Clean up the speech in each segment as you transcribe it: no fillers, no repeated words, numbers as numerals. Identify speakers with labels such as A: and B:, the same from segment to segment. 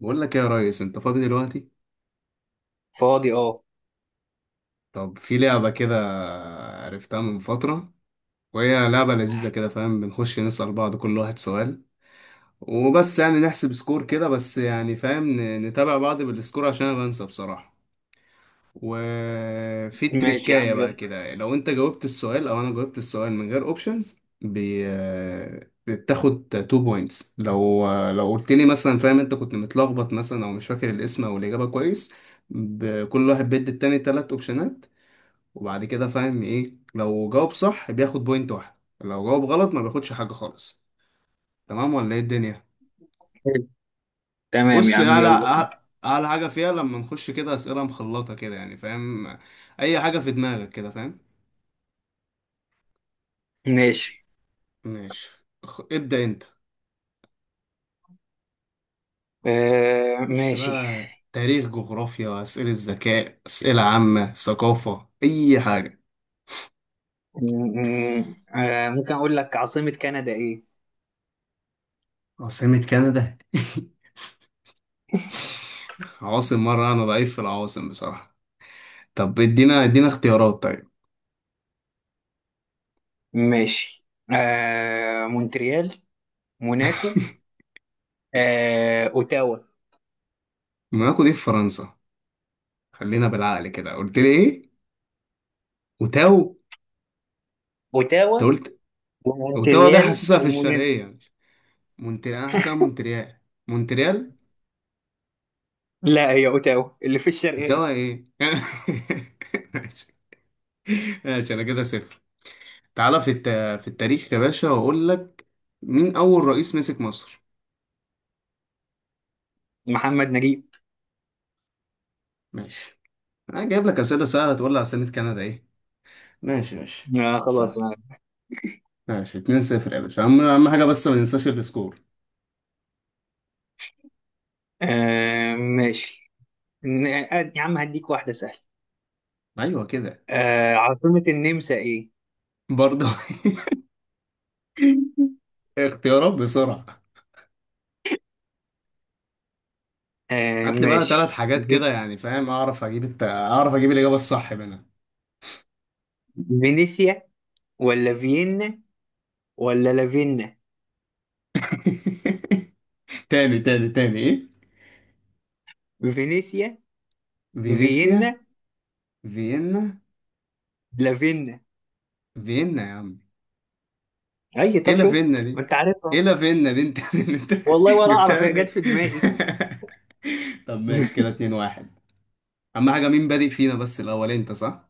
A: بقول لك إيه يا ريس، انت فاضي دلوقتي؟
B: فاضي اه.
A: طب في لعبة كده، عرفتها من فترة، وهي لعبة لذيذة كده، فاهم؟ بنخش نسأل بعض، كل واحد سؤال وبس، يعني نحسب سكور كده بس، يعني فاهم، نتابع بعض بالسكور عشان انا بنسى بصراحة. وفي
B: ماشي يا
A: تريكاية
B: عم
A: بقى
B: يلا.
A: كده، لو انت جاوبت السؤال او انا جاوبت السؤال من غير اوبشنز بي... آه، بتاخد 2 بوينتس، لو قلت لي مثلا، فاهم، انت كنت متلخبط مثلا او مش فاكر الاسم او الاجابة كويس، كل واحد بيدي التاني تلات اوبشنات، وبعد كده فاهم ايه، لو جاوب صح بياخد بوينت واحدة، لو جاوب غلط ما بياخدش حاجة خالص. تمام ولا ايه الدنيا؟
B: حلو. تمام يا
A: بص،
B: عم
A: اعلى
B: يلا بينا.
A: اعلى حاجة فيها لما نخش كده اسئلة مخلطة كده، يعني فاهم، اي حاجة في دماغك كده، فاهم؟
B: ماشي.
A: ماشي، ابدأ انت.
B: آه،
A: خش
B: ماشي.
A: بقى تاريخ، جغرافيا، أسئلة ذكاء، أسئلة عامة، ثقافة، أي حاجة.
B: ممكن اقول لك، عاصمة كندا ايه؟
A: عاصمة كندا؟ عواصم؟ مرة أنا ضعيف في العواصم بصراحة. طب ادينا اختيارات طيب.
B: ماشي. مونتريال، موناكو، اوتاوا.
A: موناكو دي في فرنسا، خلينا بالعقل كده. قلت لي ايه؟ وتاو؟ انت
B: اوتاوا
A: قلت وتاو، ده
B: ومونتريال
A: حاسسها في
B: وموناكو.
A: الشرقية. مونتريال، أنا حاسسها مونتريال، مونتريال.
B: لا، هي اوتاوا اللي في
A: وتاو
B: الشرقية.
A: ايه؟ ماشي ماشي، أنا كده صفر. تعالى في في التاريخ يا باشا، واقول لك مين اول رئيس مسك مصر؟
B: محمد نجيب.
A: ماشي، انا جايب لك اسئله سهله، تقول لي على سنه كندا ايه! ماشي ماشي،
B: آه،
A: سهل.
B: خلاص. آه.
A: ماشي، 2-0 يا باشا. اهم حاجه بس، ما ننساش السكور.
B: آه، ماشي. يا عم، هديك واحدة سهلة.
A: ايوه كده،
B: عاصمة النمسا ايه؟
A: برضه. اختيارات بسرعه.
B: آه،
A: هات لي بقى ثلاث
B: ماشي.
A: حاجات كده، يعني فاهم، اعرف اجيب اعرف اجيب الاجابه الصح منها.
B: فينيسيا، ولا فيينا، ولا لافينا؟
A: تاني تاني تاني، ايه؟
B: فينيسيا.
A: فينيسيا،
B: فيينا.
A: فيينا.
B: لافينا.
A: فيينا يا عم.
B: اي،
A: ايه
B: طب شفت،
A: لافينا
B: ما
A: دي؟
B: انت
A: ايه
B: عارفها.
A: لافينا دي انت؟ انت
B: والله ولا اعرف،
A: جبتها
B: هي
A: من
B: جت
A: ايه؟
B: في دماغي.
A: طب ماشي، كده اتنين واحد. اهم حاجة، مين بادئ فينا بس الاول؟ انت صح؟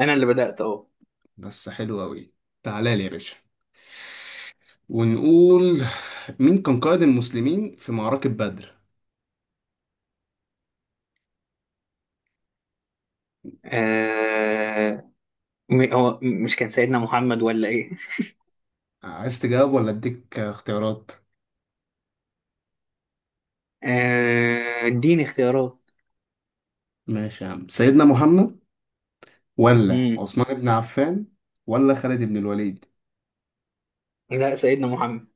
B: انا اللي بدأت اهو.
A: بس حلو اوي. تعالى لي يا باشا، ونقول مين كان قائد المسلمين في معركة بدر؟
B: آه، هو مش كان سيدنا محمد ولا ايه؟
A: عايز تجاوب ولا اديك اختيارات؟
B: اديني اختيارات.
A: ماشي يا عم، سيدنا محمد، ولا
B: مم.
A: عثمان بن عفان، ولا خالد بن الوليد؟
B: لا، سيدنا محمد.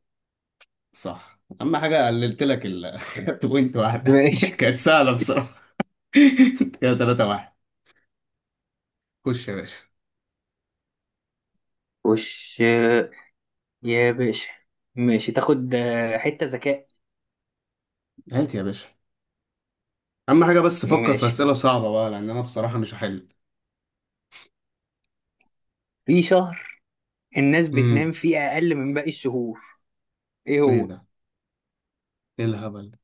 A: صح، اهم حاجة قللت لك ال بوينت واحدة،
B: ماشي.
A: كانت سهلة بصراحة. كده تلاتة واحد. خش يا باشا.
B: وش آه، يا باشا. ماشي، تاخد حتة ذكاء.
A: هات يا باشا. أهم حاجة بس فكر في
B: ماشي
A: أسئلة صعبة بقى، لأن أنا بصراحة مش هحل.
B: في شهر الناس
A: امم
B: بتنام فيه اقل من باقي الشهور. ايه
A: إيه
B: هو؟
A: ده؟ إيه الهبل ده؟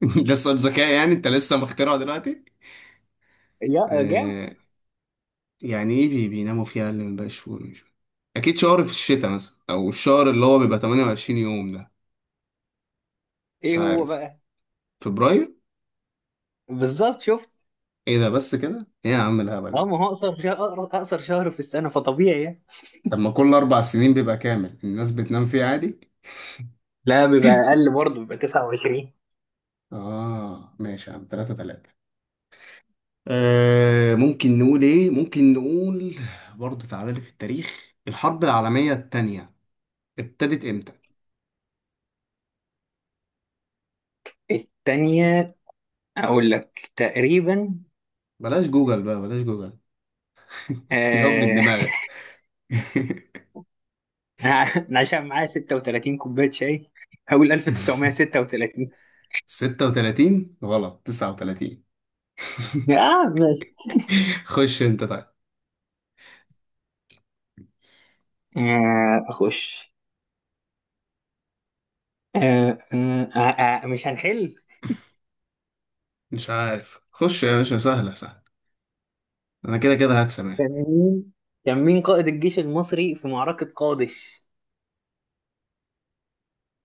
A: ده سؤال ذكاء يعني؟ أنت لسه مخترعه دلوقتي؟
B: يا جاو.
A: آه، يعني إيه بي بيناموا فيها أقل من باقي الشهور؟ مش أكيد شهر في الشتاء مثلا، أو الشهر اللي هو بيبقى 28 يوم ده؟ مش
B: ايه هو
A: عارف.
B: بقى؟
A: فبراير؟
B: بالظبط، شفت؟
A: إيه ده بس كده؟ إيه يا عم الهبل
B: اه،
A: ده؟
B: ما هو اقصر شهر، اقصر شهر في السنه، فطبيعي يعني.
A: طب ما كل أربع سنين بيبقى كامل، الناس بتنام فيه عادي؟
B: لا، بيبقى اقل برضه، بيبقى 29.
A: آه ماشي يا عم، تلاتة تلاتة. آه ممكن نقول ايه، ممكن نقول، برضه تعالى لي في التاريخ، الحرب العالمية التانية ابتدت امتى؟
B: التانية؟ اقول لك تقريبا.
A: بلاش جوجل بقى، بلاش جوجل. جاوب من
B: آه
A: دماغك.
B: انا عشان معايا 36 كوبايه شاي، هقول 1936.
A: 36 غلط، 39.
B: اه، ماشي.
A: خش انت طيب.
B: اخش. مش هنحل.
A: مش عارف، خش يا باشا، سهلة سهلة، انا كده كده هكسب يعني.
B: كان مين كان مين قائد الجيش المصري في معركه قادش؟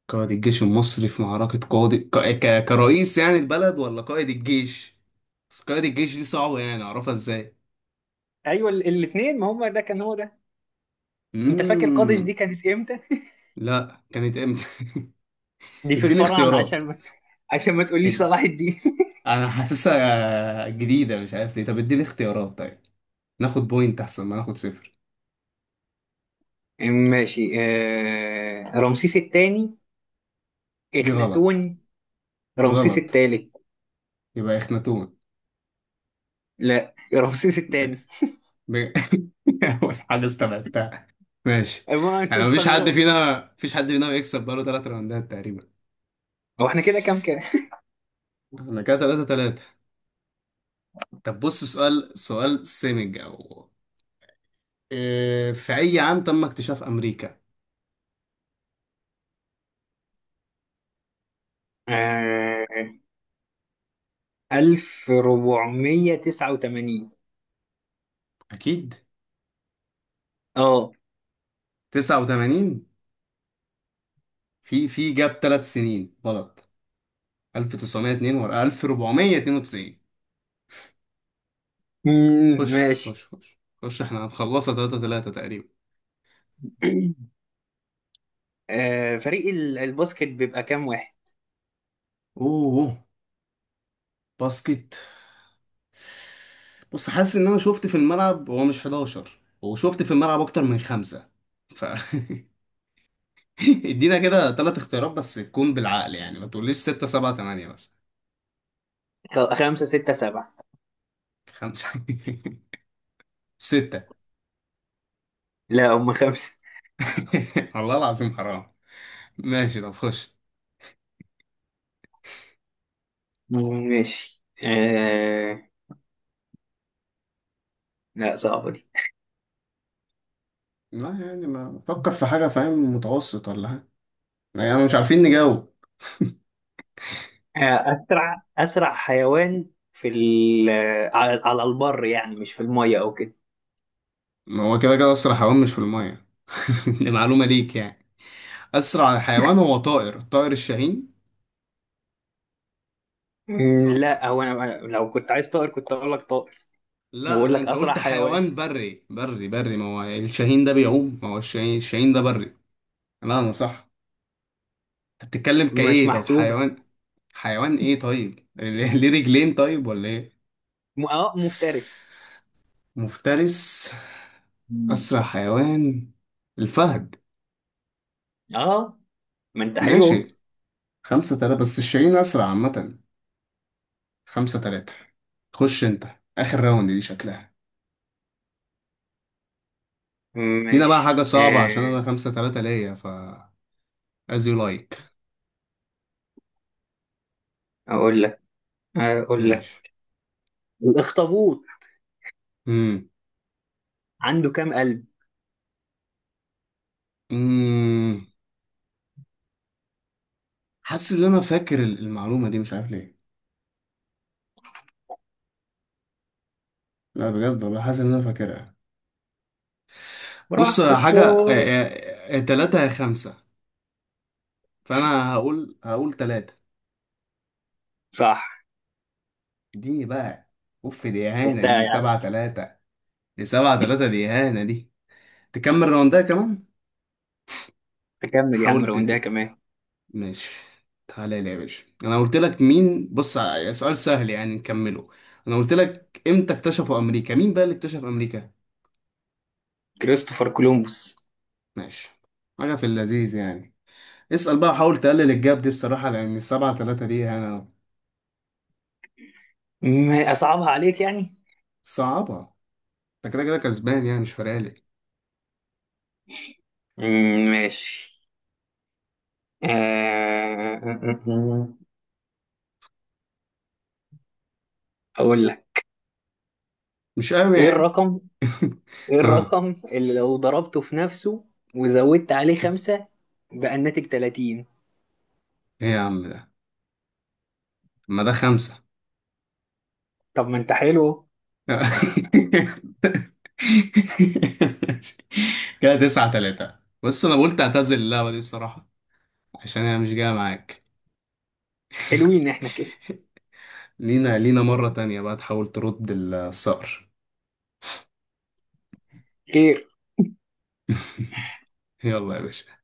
A: قائد الجيش المصري في معركة، قائد كرئيس يعني البلد، ولا قائد الجيش؟ بس قائد الجيش دي صعبة، يعني اعرفها ازاي؟
B: ايوه، الاثنين، ما هم ده كان هو ده. انت فاكر قادش
A: مم.
B: دي كانت امتى؟
A: لا، كانت امتى؟
B: دي في
A: اديني
B: الفراعنه،
A: اختيارات.
B: عشان ما تقوليش
A: ادي.
B: صلاح الدين.
A: انا حاسسها جديدة، مش عارف ليه. طب اديني اختيارات طيب، ناخد بوينت احسن ما ناخد صفر.
B: ماشي. رمسيس الثاني.
A: دي غلط.
B: اخناتون. رمسيس
A: غلط.
B: الثالث.
A: يبقى اخناتون.
B: لا، رمسيس
A: ب...
B: الثاني.
A: ب... اول حاجة استبعدتها. ماشي.
B: ما أنا
A: انا مفيش حد
B: استغربت.
A: فينا مفيش حد فينا بيكسب بقاله ثلاث راوندات تقريبا.
B: هو احنا كده كام كام؟
A: انا كده ثلاثة ثلاثة. طب بص، سؤال سؤال سيمج او في اي عام تم اكتشاف امريكا؟
B: آه... 1489.
A: اكيد
B: اه.
A: 89. في جاب ثلاث سنين غلط، 1902 ورا 1492.
B: مم،
A: خش خش
B: ماشي.
A: خش خش، احنا هنخلصها 3-3 تقريبا.
B: فريق الباسكت بيبقى كام واحد؟
A: اوه، باسكت. بص، حاسس ان انا شفت في الملعب هو مش 11، وشفت في الملعب اكتر من خمسة، ف ادينا كده ثلاث اختيارات بس تكون بالعقل، يعني ما تقوليش 6 7 8 بس.
B: خمسة، ستة، سبعة.
A: خمسة، ستة.
B: لا، هم خمسة.
A: والله العظيم حرام. ماشي طب خش.
B: مم، ماشي. لا، صعبة دي.
A: لا يعني، ما فكر في حاجة، فاهم، متوسط ولا حاجة، يعني مش عارفين نجاوب.
B: اسرع حيوان في ال- على البر، يعني مش في الميه او كده.
A: ما هو كده كده أسرع حيوان مش في المية. دي معلومة ليك يعني. أسرع حيوان هو طائر، طائر الشاهين. صح ولا؟
B: لا، هو أنا لو كنت عايز طائر كنت اقول لك طائر. أنا
A: لا
B: بقول
A: لا،
B: لك
A: أنت
B: اسرع
A: قلت
B: حيوان.
A: حيوان، بري، ما هو الشاهين ده بيعوم، ما هو الشاهين، الشاهين ده بري. لا أنا صح. أنت بتتكلم
B: مش
A: كإيه؟ طب
B: محسوبه.
A: حيوان، حيوان إيه طيب؟ ليه، ليه رجلين طيب ولا إيه؟
B: اه، مفترس.
A: مفترس. أسرع
B: مم.
A: حيوان الفهد.
B: اه، ما انت حلو.
A: ماشي. خمسة تلاتة، بس الشاهين أسرع عامة. خمسة تلاتة. خش انت، اخر راوند دي شكلها. دينا بقى حاجة
B: ماشي.
A: صعبة عشان انا خمسة تلاتة ليا، ف as you like.
B: اقول لك اقول لك
A: ماشي.
B: الاخطبوط،
A: امم
B: عنده كام قلب؟
A: امم، حاسس ان انا فاكر المعلومة دي، مش عارف ليه. لا بجد والله حاسس ان انا فاكرها. بص،
B: براحتك
A: حاجة
B: خالص.
A: تلاتة يا خمسة، فانا هقول تلاتة.
B: صح.
A: اديني بقى. اوف، دي اهانة
B: انت
A: دي، دي
B: يعني.
A: سبعة تلاتة. دي سبعة تلاتة، دي اهانة دي. تكمل راوندها كمان.
B: تكمل يا عم،
A: تحاول.
B: روندها كمان.
A: ماشي. تعالى لي يا باشا، انا قلت لك مين، بص، سؤال سهل يعني نكمله، انا قلت لك امتى اكتشفوا امريكا. مين بقى اللي اكتشف امريكا؟
B: كريستوفر كولومبوس.
A: ماشي. حاجه في اللذيذ يعني. اسال بقى، حاول تقلل الجاب دي بصراحه، لان السبعة تلاتة دي انا.
B: اصعبها عليك يعني.
A: صعبه. انت كده كده كسبان، يعني مش فارق لي.
B: ماشي. آه، آه، آه، آه، آه، آه. اقول لك.
A: مش قوي
B: ايه
A: يعني.
B: الرقم ايه
A: ها.
B: الرقم اللي لو ضربته في نفسه وزودت عليه خمسة بقى الناتج 30؟
A: ايه يا عم ده؟ ما ده خمسة.
B: طب ما انت حلو.
A: كده تسعة تلاتة. بس انا قلت اعتزل اللعبه دي بصراحه، عشان هي مش جاية معاك.
B: حلوين احنا كده.
A: لينا مرة تانية بقى، تحاول ترد الثأر.
B: خير.
A: يلا يا باشا.